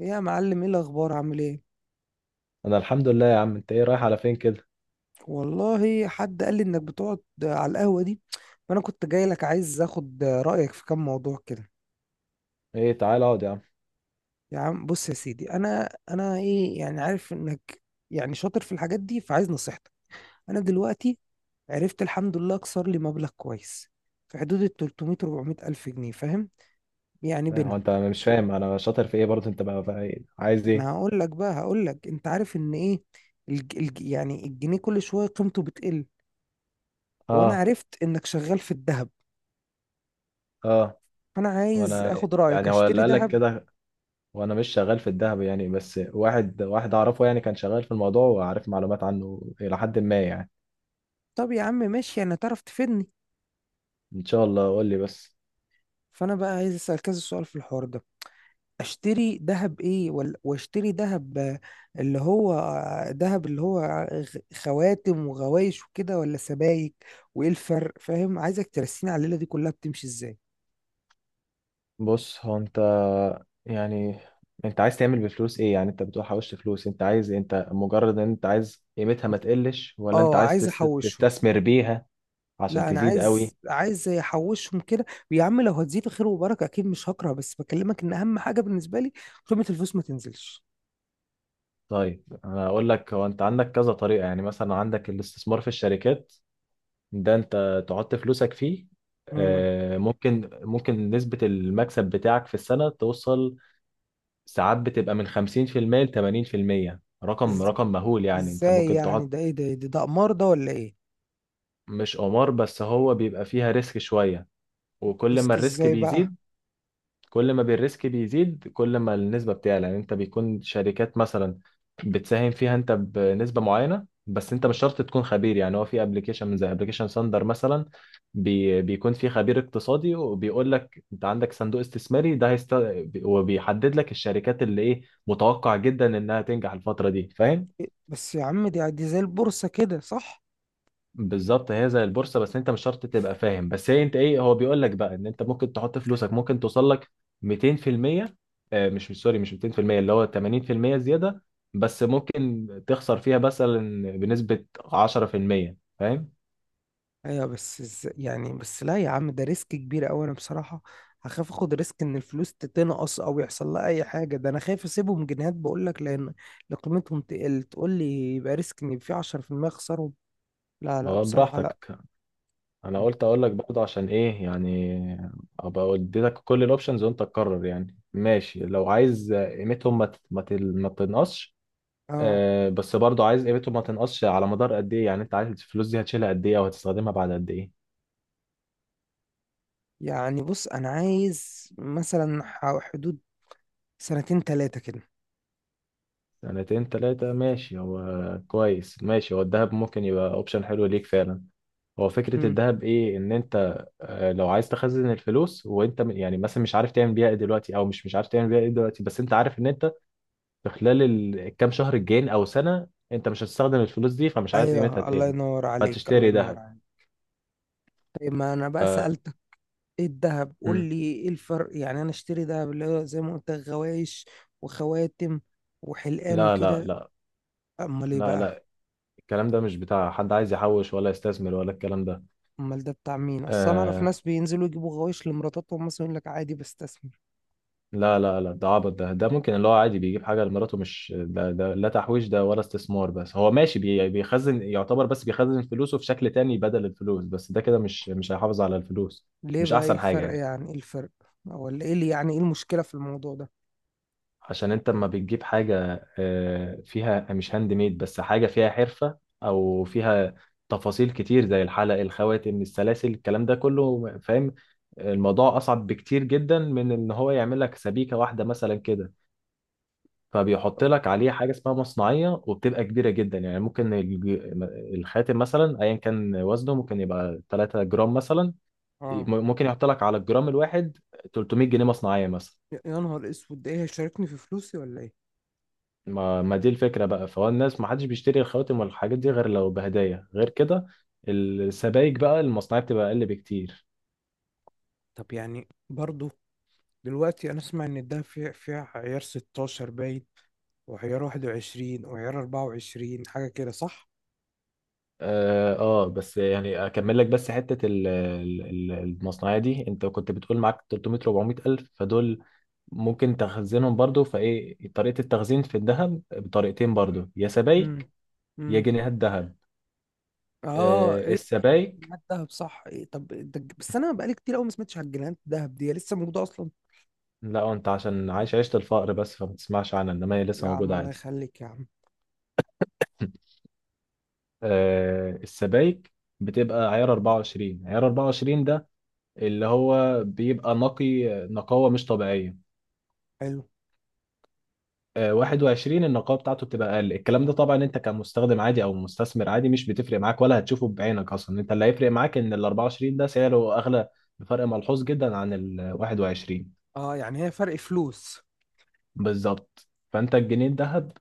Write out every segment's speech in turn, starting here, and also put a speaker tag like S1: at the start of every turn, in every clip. S1: إيه يا معلم، ايه الاخبار؟ عامل ايه؟
S2: انا الحمد لله يا عم. انت ايه، رايح على فين كده؟
S1: والله حد قال لي انك بتقعد على القهوه دي، فانا كنت جاي لك، عايز اخد رايك في كام موضوع كده.
S2: ايه، تعال اقعد يا عم.
S1: يا عم بص يا سيدي، انا ايه يعني، عارف انك يعني شاطر في الحاجات دي، فعايز نصيحتك. انا دلوقتي عرفت الحمد لله اكسر لي مبلغ كويس، في حدود ال 300 400 الف جنيه، فاهم؟ يعني
S2: إيه، هو
S1: بينهم.
S2: انت مش فاهم انا شاطر في ايه برضه؟ انت بقى إيه؟ عايز
S1: انا
S2: ايه؟
S1: هقول لك بقى، هقول لك انت عارف ان ايه، يعني الجنيه كل شويه قيمته بتقل. وانا
S2: اه.
S1: عرفت انك شغال في الذهب،
S2: اه.
S1: فانا عايز
S2: وانا
S1: اخد رايك
S2: يعني هو اللي
S1: اشتري
S2: قالك
S1: ذهب.
S2: كده. وانا مش شغال في الذهب يعني، بس واحد واحد اعرفه يعني كان شغال في الموضوع وعارف معلومات عنه الى حد ما يعني.
S1: طب يا عم ماشي، يعني تعرف تفيدني.
S2: ان شاء الله، قول لي بس.
S1: فانا بقى عايز اسال كذا سؤال في الحوار ده. اشتري ذهب ايه ولا واشتري ذهب؟ اللي هو ذهب اللي هو خواتم وغوايش وكده، ولا سبائك؟ وايه الفرق؟ فاهم؟ عايزك ترسيني على الليله دي كلها بتمشي ازاي.
S2: بص هو انت، يعني انت عايز تعمل بفلوس ايه يعني؟ انت بتقول حوشت فلوس، انت عايز إيه؟ انت مجرد ان انت عايز قيمتها ما تقلش، ولا انت
S1: اه،
S2: عايز
S1: عايز احوشهم.
S2: تستثمر بيها عشان
S1: لا انا
S2: تزيد
S1: عايز
S2: قوي؟
S1: عايز احوشهم كده. ويا عم لو هتزيد خير وبركه اكيد مش هكره، بس بكلمك ان اهم حاجه بالنسبه لي قيمه الفلوس ما تنزلش.
S2: طيب، انا اقول لك. هو انت عندك كذا طريقه، يعني مثلا عندك الاستثمار في الشركات. ده انت تحط فلوسك فيه.
S1: امم.
S2: ممكن نسبه المكسب بتاعك في السنه توصل ساعات بتبقى من 50% ل 80%. رقم رقم مهول، يعني انت
S1: ازاي
S2: ممكن
S1: يعني؟
S2: تقعد.
S1: ده ايه ده قمار ده ولا ايه؟
S2: مش قمار، بس هو بيبقى فيها ريسك شويه. وكل ما
S1: ريسك
S2: الريسك
S1: ازاي بقى؟
S2: بيزيد كل ما بالريسك بيزيد كل ما النسبة بتعلى. يعني انت بيكون شركات مثلا بتساهم فيها انت بنسبة معينة، بس انت مش شرط تكون خبير. يعني هو في ابلكيشن من زي ابلكيشن ساندر مثلا، بيكون فيه خبير اقتصادي وبيقول لك انت عندك صندوق استثماري ده هيست... وبيحدد لك الشركات اللي ايه متوقع جدا انها تنجح الفترة دي، فاهم؟
S1: إيه؟ بس يا عم، دي زي البورصة كده صح؟
S2: بالظبط، هي زي البورصه، بس انت مش شرط تبقى فاهم. بس هي انت ايه، هو بيقول لك بقى ان انت ممكن تحط فلوسك، ممكن توصل لك 200%. مش سوري، مش 200%، اللي هو 80% زياده. بس ممكن تخسر فيها مثلا بنسبه 10%، فاهم؟
S1: ايوه بس ازاي يعني؟ بس لا يا عم، ده ريسك كبير قوي. انا بصراحة هخاف اخد ريسك ان الفلوس تتنقص او يحصل لها اي حاجة. ده انا خايف اسيبهم جنيهات بقول لك، لأن قيمتهم تقل. تقول لي يبقى ريسك ان في 10% اخسرهم؟ لا لا
S2: هو
S1: بصراحة لا.
S2: براحتك. انا قلت اقول لك برضه، عشان ايه يعني؟ ابقى اديتك كل الاوبشنز وانت تقرر. يعني ماشي، لو عايز قيمتهم ما تنقصش.
S1: اه
S2: بس برضو عايز قيمته ما تنقصش على مدار قد ايه؟ يعني انت عارف الفلوس دي هتشيلها قد ايه، او هتستخدمها بعد قد ايه؟
S1: يعني بص، انا عايز مثلا حدود سنتين تلاتة كده.
S2: سنتين تلاتة ماشي. هو كويس ماشي، هو الذهب ممكن يبقى اوبشن حلو ليك فعلا. هو فكرة
S1: مم.
S2: الذهب ايه؟ ان انت لو عايز تخزن الفلوس وانت يعني مثلا مش عارف تعمل بيها ايه دلوقتي، او مش عارف تعمل بيها ايه دلوقتي، بس انت عارف ان انت في خلال الكام شهر الجايين او سنة انت مش هتستخدم الفلوس دي، فمش عايز
S1: ايوه
S2: قيمتها
S1: الله
S2: تقل،
S1: ينور عليك، الله
S2: فتشتري
S1: ينور.
S2: ذهب.
S1: إيه، ما انا بقى سألتك ايه الذهب، قول
S2: مم.
S1: لي ايه الفرق؟ يعني انا اشتري ذهب اللي هو زي ما قلت لك، غوايش وخواتم وحلقان
S2: لا، لا،
S1: وكده؟
S2: لا،
S1: امال ايه
S2: لا،
S1: بقى؟
S2: لا، الكلام ده مش بتاع حد عايز يحوش ولا يستثمر ولا الكلام ده.
S1: امال ده بتاع مين؟ اصل انا اعرف
S2: آه.
S1: ناس بينزلوا يجيبوا غوايش لمراتاتهم مثلا، يقول لك عادي بستثمر.
S2: لا، لا، لا، ده عبط. ده ممكن اللي هو عادي بيجيب حاجة لمراته. مش ده, ده لا تحويش ده ولا استثمار. بس هو ماشي، بيخزن يعتبر، بس بيخزن فلوسه في شكل تاني بدل الفلوس. بس ده كده مش هيحافظ على الفلوس.
S1: ليه
S2: مش
S1: بقى؟ ايه
S2: أحسن حاجة
S1: الفرق
S2: يعني.
S1: يعني؟ ايه الفرق؟ ولا ايه اللي يعني ايه المشكلة في الموضوع ده؟
S2: عشان انت لما بتجيب حاجة فيها مش هاند ميد، بس حاجة فيها حرفة او فيها تفاصيل كتير، زي الحلق الخواتم السلاسل الكلام ده كله، فاهم؟ الموضوع اصعب بكتير جدا من ان هو يعمل لك سبيكة واحدة مثلا كده. فبيحط لك عليه حاجة اسمها مصنعية، وبتبقى كبيرة جدا. يعني ممكن الخاتم مثلا ايا كان وزنه ممكن يبقى 3 جرام مثلا،
S1: اه.
S2: ممكن يحط لك على الجرام الواحد 300 جنيه مصنعية مثلا.
S1: يا نهار اسود، ده ايه؟ هيشاركني في فلوسي ولا ايه؟
S2: ما دي الفكرة بقى، فهو الناس ما حدش بيشتري الخواتم والحاجات دي غير لو بهدايا، غير كده السبائك بقى المصنعية بتبقى أقل بكتير.
S1: طب يعني برضو دلوقتي انا اسمع ان الدهب فيه عيار 16 باين، وعيار 21، وعيار 24، حاجة كده صح؟
S2: آه، بس يعني أكمل لك، بس حتة المصنعية دي. أنت كنت بتقول معاك 300 400 ألف، فدول ممكن تخزنهم برضو. فإيه طريقة التخزين في الذهب؟ بطريقتين برضو، يا سبائك
S1: امم.
S2: يا
S1: امم.
S2: جنيهات ذهب.
S1: اه ايه.
S2: السبائك.
S1: جنيهات دهب صح؟ إيه طب ده بس انا بقالي كتير قوي ما سمعتش على الجنيهات دهب دي، هي لسه موجودة اصلا؟
S2: لا أنت عشان عايش عيشة الفقر بس فما تسمعش عنها، إنما هي
S1: يا
S2: لسه
S1: عم
S2: موجودة
S1: الله
S2: عادي.
S1: يخليك يا عم.
S2: السبايك بتبقى عيار 24، عيار 24 ده اللي هو بيبقى نقي، نقاوة مش طبيعية.
S1: حلو.
S2: 21 النقاوة بتاعته بتبقى أقل. الكلام ده طبعا أنت كمستخدم عادي أو مستثمر عادي مش بتفرق معاك، ولا هتشوفه بعينك أصلا. أنت اللي هيفرق معاك إن ال 24 ده سعره أغلى بفرق ملحوظ جدا عن ال 21.
S1: اه يعني هي فرق فلوس.
S2: بالظبط، فأنت الجنيه الذهب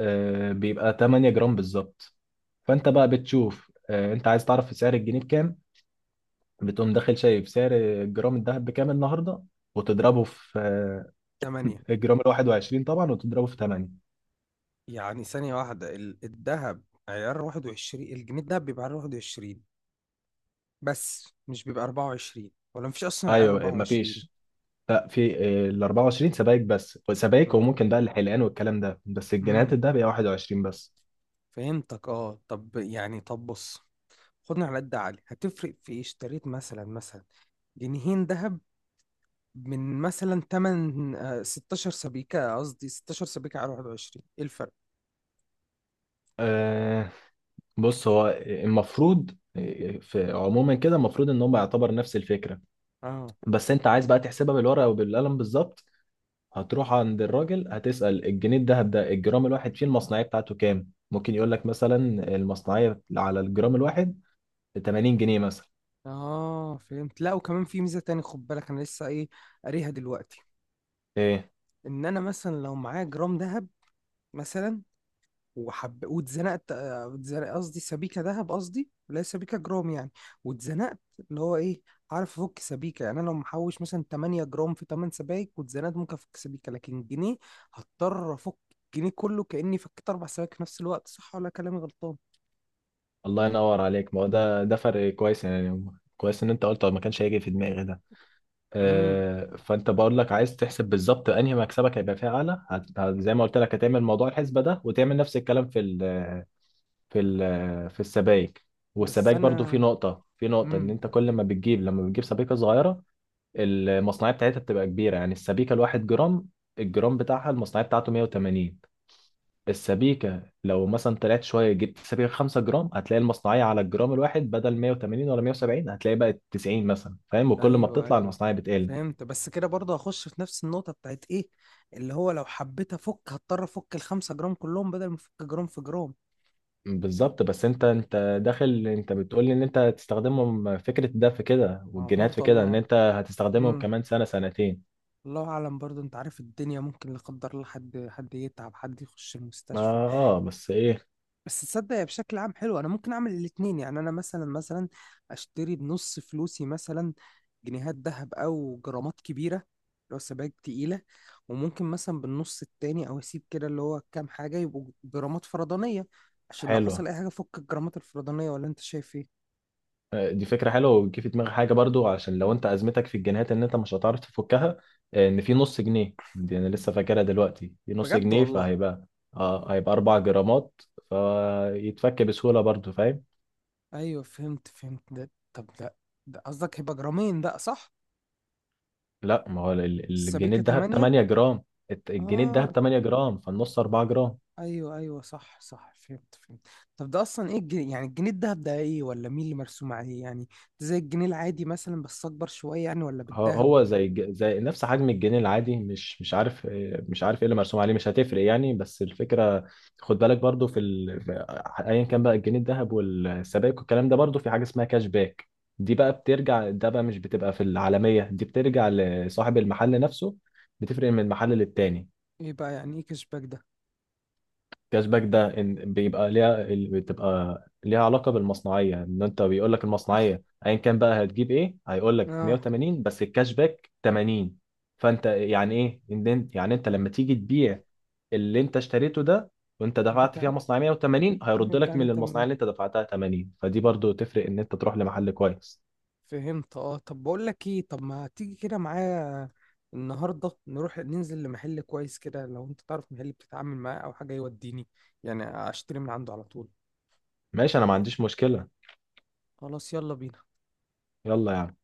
S2: بيبقى 8 جرام بالظبط. فأنت بقى بتشوف، أنت عايز تعرف سعر الجنيه بكام، بتقوم داخل شايف سعر الجرام الذهب بكام النهارده، وتضربه في
S1: تمانية.
S2: الجرام ال 21 طبعا، وتضربه في 8.
S1: يعني ثانية واحدة، الذهب عيار 21، الجنيه الذهب بيبقى عيار 21 بس، مش بيبقى 24، ولا مفيش أصلا عيار
S2: ايوه.
S1: 24؟
S2: مفيش، لا في. ال 24 سبائك، بس سبائك
S1: مم.
S2: وممكن بقى الحلقان والكلام ده. بس
S1: امم.
S2: الجنيهات الذهب هي 21 بس.
S1: فهمتك، اه. طب يعني طب بص، خدنا على قد عقلي هتفرق في ايه، اشتريت مثلا جنيهين ذهب من مثلا 8 16 سبيكة، قصدي 16 سبيكة على 21، ايه الفرق؟
S2: آه بص هو المفروض، في عموما كده، المفروض ان هم يعتبر نفس الفكره.
S1: اه
S2: بس انت عايز بقى تحسبها بالورقه وبالقلم بالظبط. هتروح عند الراجل هتسأل الجنيه الدهب ده الجرام الواحد فيه المصنعية بتاعته كام؟ ممكن يقول لك مثلا المصنعية على الجرام الواحد 80 جنيه مثلا.
S1: اه فهمت. لا وكمان في ميزة تاني خد بالك، انا لسه ايه قاريها دلوقتي،
S2: ايه،
S1: ان انا مثلا لو معايا جرام ذهب مثلا وحب واتزنقت، قصدي سبيكة ذهب، قصدي لا سبيكة جرام يعني، واتزنقت، اللي هو ايه، عارف افك سبيكة. يعني انا لو محوش مثلا 8 جرام في 8 سبايك، واتزنقت، ممكن افك سبيكة. لكن جنيه، هضطر افك الجنيه كله، كأني فكيت اربع سبايك في نفس الوقت، صح ولا كلامي غلطان؟
S2: الله ينور عليك. ما هو ده فرق كويس يعني. كويس ان انت قلت، ما كانش هيجي في دماغي ده.
S1: امم.
S2: فانت بقول لك عايز تحسب بالظبط انهي مكسبك هيبقى فيه اعلى. زي ما قلت لك، هتعمل موضوع الحسبة ده وتعمل نفس الكلام في ال في ال في السبائك.
S1: بس
S2: والسبائك برضو في
S1: انا.
S2: نقطة، ان
S1: امم.
S2: انت كل ما بتجيب لما بتجيب سبيكة صغيرة المصنعية بتاعتها بتبقى كبيرة. يعني السبيكة الواحد جرام، الجرام بتاعها المصنعية بتاعته 180. السبيكة لو مثلا طلعت شوية جبت سبيكة 5 جرام هتلاقي المصنعية على الجرام الواحد بدل 180 ولا 170 هتلاقي بقت 90 مثلا، فاهم؟ وكل ما
S1: ايوه
S2: بتطلع
S1: ايوه
S2: المصنعية بتقل.
S1: فهمت. بس كده برضه هخش في نفس النقطة بتاعت ايه، اللي هو لو حبيت افك هضطر افك الخمسة جرام كلهم بدل ما افك جرام في جرام.
S2: بالظبط، بس انت داخل انت بتقول لي ان انت هتستخدمهم فكرة ده في كده
S1: اه
S2: والجنيهات في
S1: برضه
S2: كده
S1: الله.
S2: ان انت هتستخدمهم
S1: امم.
S2: كمان سنة سنتين.
S1: الله اعلم. برضه انت عارف الدنيا ممكن لا قدر الله، حد يتعب، حد يخش
S2: اه,
S1: المستشفى.
S2: آه بس ايه.
S1: بس تصدق هي بشكل عام حلو، انا ممكن اعمل الاتنين. يعني انا مثلا اشتري بنص فلوسي مثلا جنيهات ذهب او جرامات كبيره لو سبائك تقيله، وممكن مثلا بالنص التاني او اسيب كده اللي هو كام حاجه يبقوا جرامات فرضانيه، عشان لو حصل
S2: حلوة.
S1: اي حاجه فك الجرامات الفرضانيه، ولا انت شايف ايه؟
S2: دي فكرة حلوة، وتجي في دماغي حاجة برضو. عشان لو انت أزمتك في الجنيهات ان انت مش هتعرف تفكها، ان في نص جنيه. دي انا لسه فاكرها دلوقتي، في نص
S1: بجد
S2: جنيه
S1: والله.
S2: فهيبقى، هيبقى 4 جرامات، فيتفك بسهولة برضو، فاهم؟
S1: ايوه فهمت فهمت ده، طب ده قصدك هيبقى جرامين بقى صح؟
S2: لا، ما هو الجنيه
S1: السبيكه
S2: الدهب
S1: 8.
S2: 8 جرام. الجنيه
S1: اه
S2: الدهب 8 جرام، فالنص 4 جرام.
S1: ايوه ايوه صح صح فهمت فهمت. طب ده اصلا ايه الجنيه يعني؟ الجنيه الدهب ده ايه؟ ولا مين اللي مرسوم عليه يعني؟ زي الجنيه العادي مثلا بس اكبر شويه يعني، ولا
S2: هو
S1: بالدهب؟
S2: هو زي زي نفس حجم الجنيه العادي. مش عارف، مش عارف ايه اللي مرسوم عليه، مش هتفرق يعني، بس الفكره. خد بالك برضو ايا كان بقى الجنيه الذهب والسبائك والكلام ده، برضو في حاجه اسمها كاش باك. دي بقى بترجع، ده بقى مش بتبقى في العالميه، دي بترجع لصاحب المحل نفسه، بتفرق من محل للتاني.
S1: ايه بقى يعني ايه كشباك ده؟
S2: كاش باك ده إن بيبقى ليها بتبقى ليها علاقه بالمصنعيه، ان انت بيقول لك المصنعيه ايا كان بقى هتجيب ايه، هيقول لك
S1: اه.
S2: 180 بس الكاش باك 80. فانت يعني ايه، إن يعني انت لما تيجي تبيع اللي انت اشتريته ده، وانت دفعت فيها
S1: نرجع
S2: مصنعيه 180، هيرد
S1: نرجع
S2: لك
S1: لي
S2: من المصنعيه
S1: تمام.
S2: اللي انت دفعتها 80. فدي برضو تفرق ان انت تروح لمحل كويس.
S1: فهمت اه. طب بقول لك ايه، طب ما تيجي كده معايا النهارده، نروح ننزل لمحل كويس كده، لو انت تعرف محل بتتعامل معاه او حاجه، يوديني يعني اشتري من عنده على طول.
S2: ماشي، انا ما عنديش مشكله.
S1: خلاص يلا بينا.
S2: يلا يا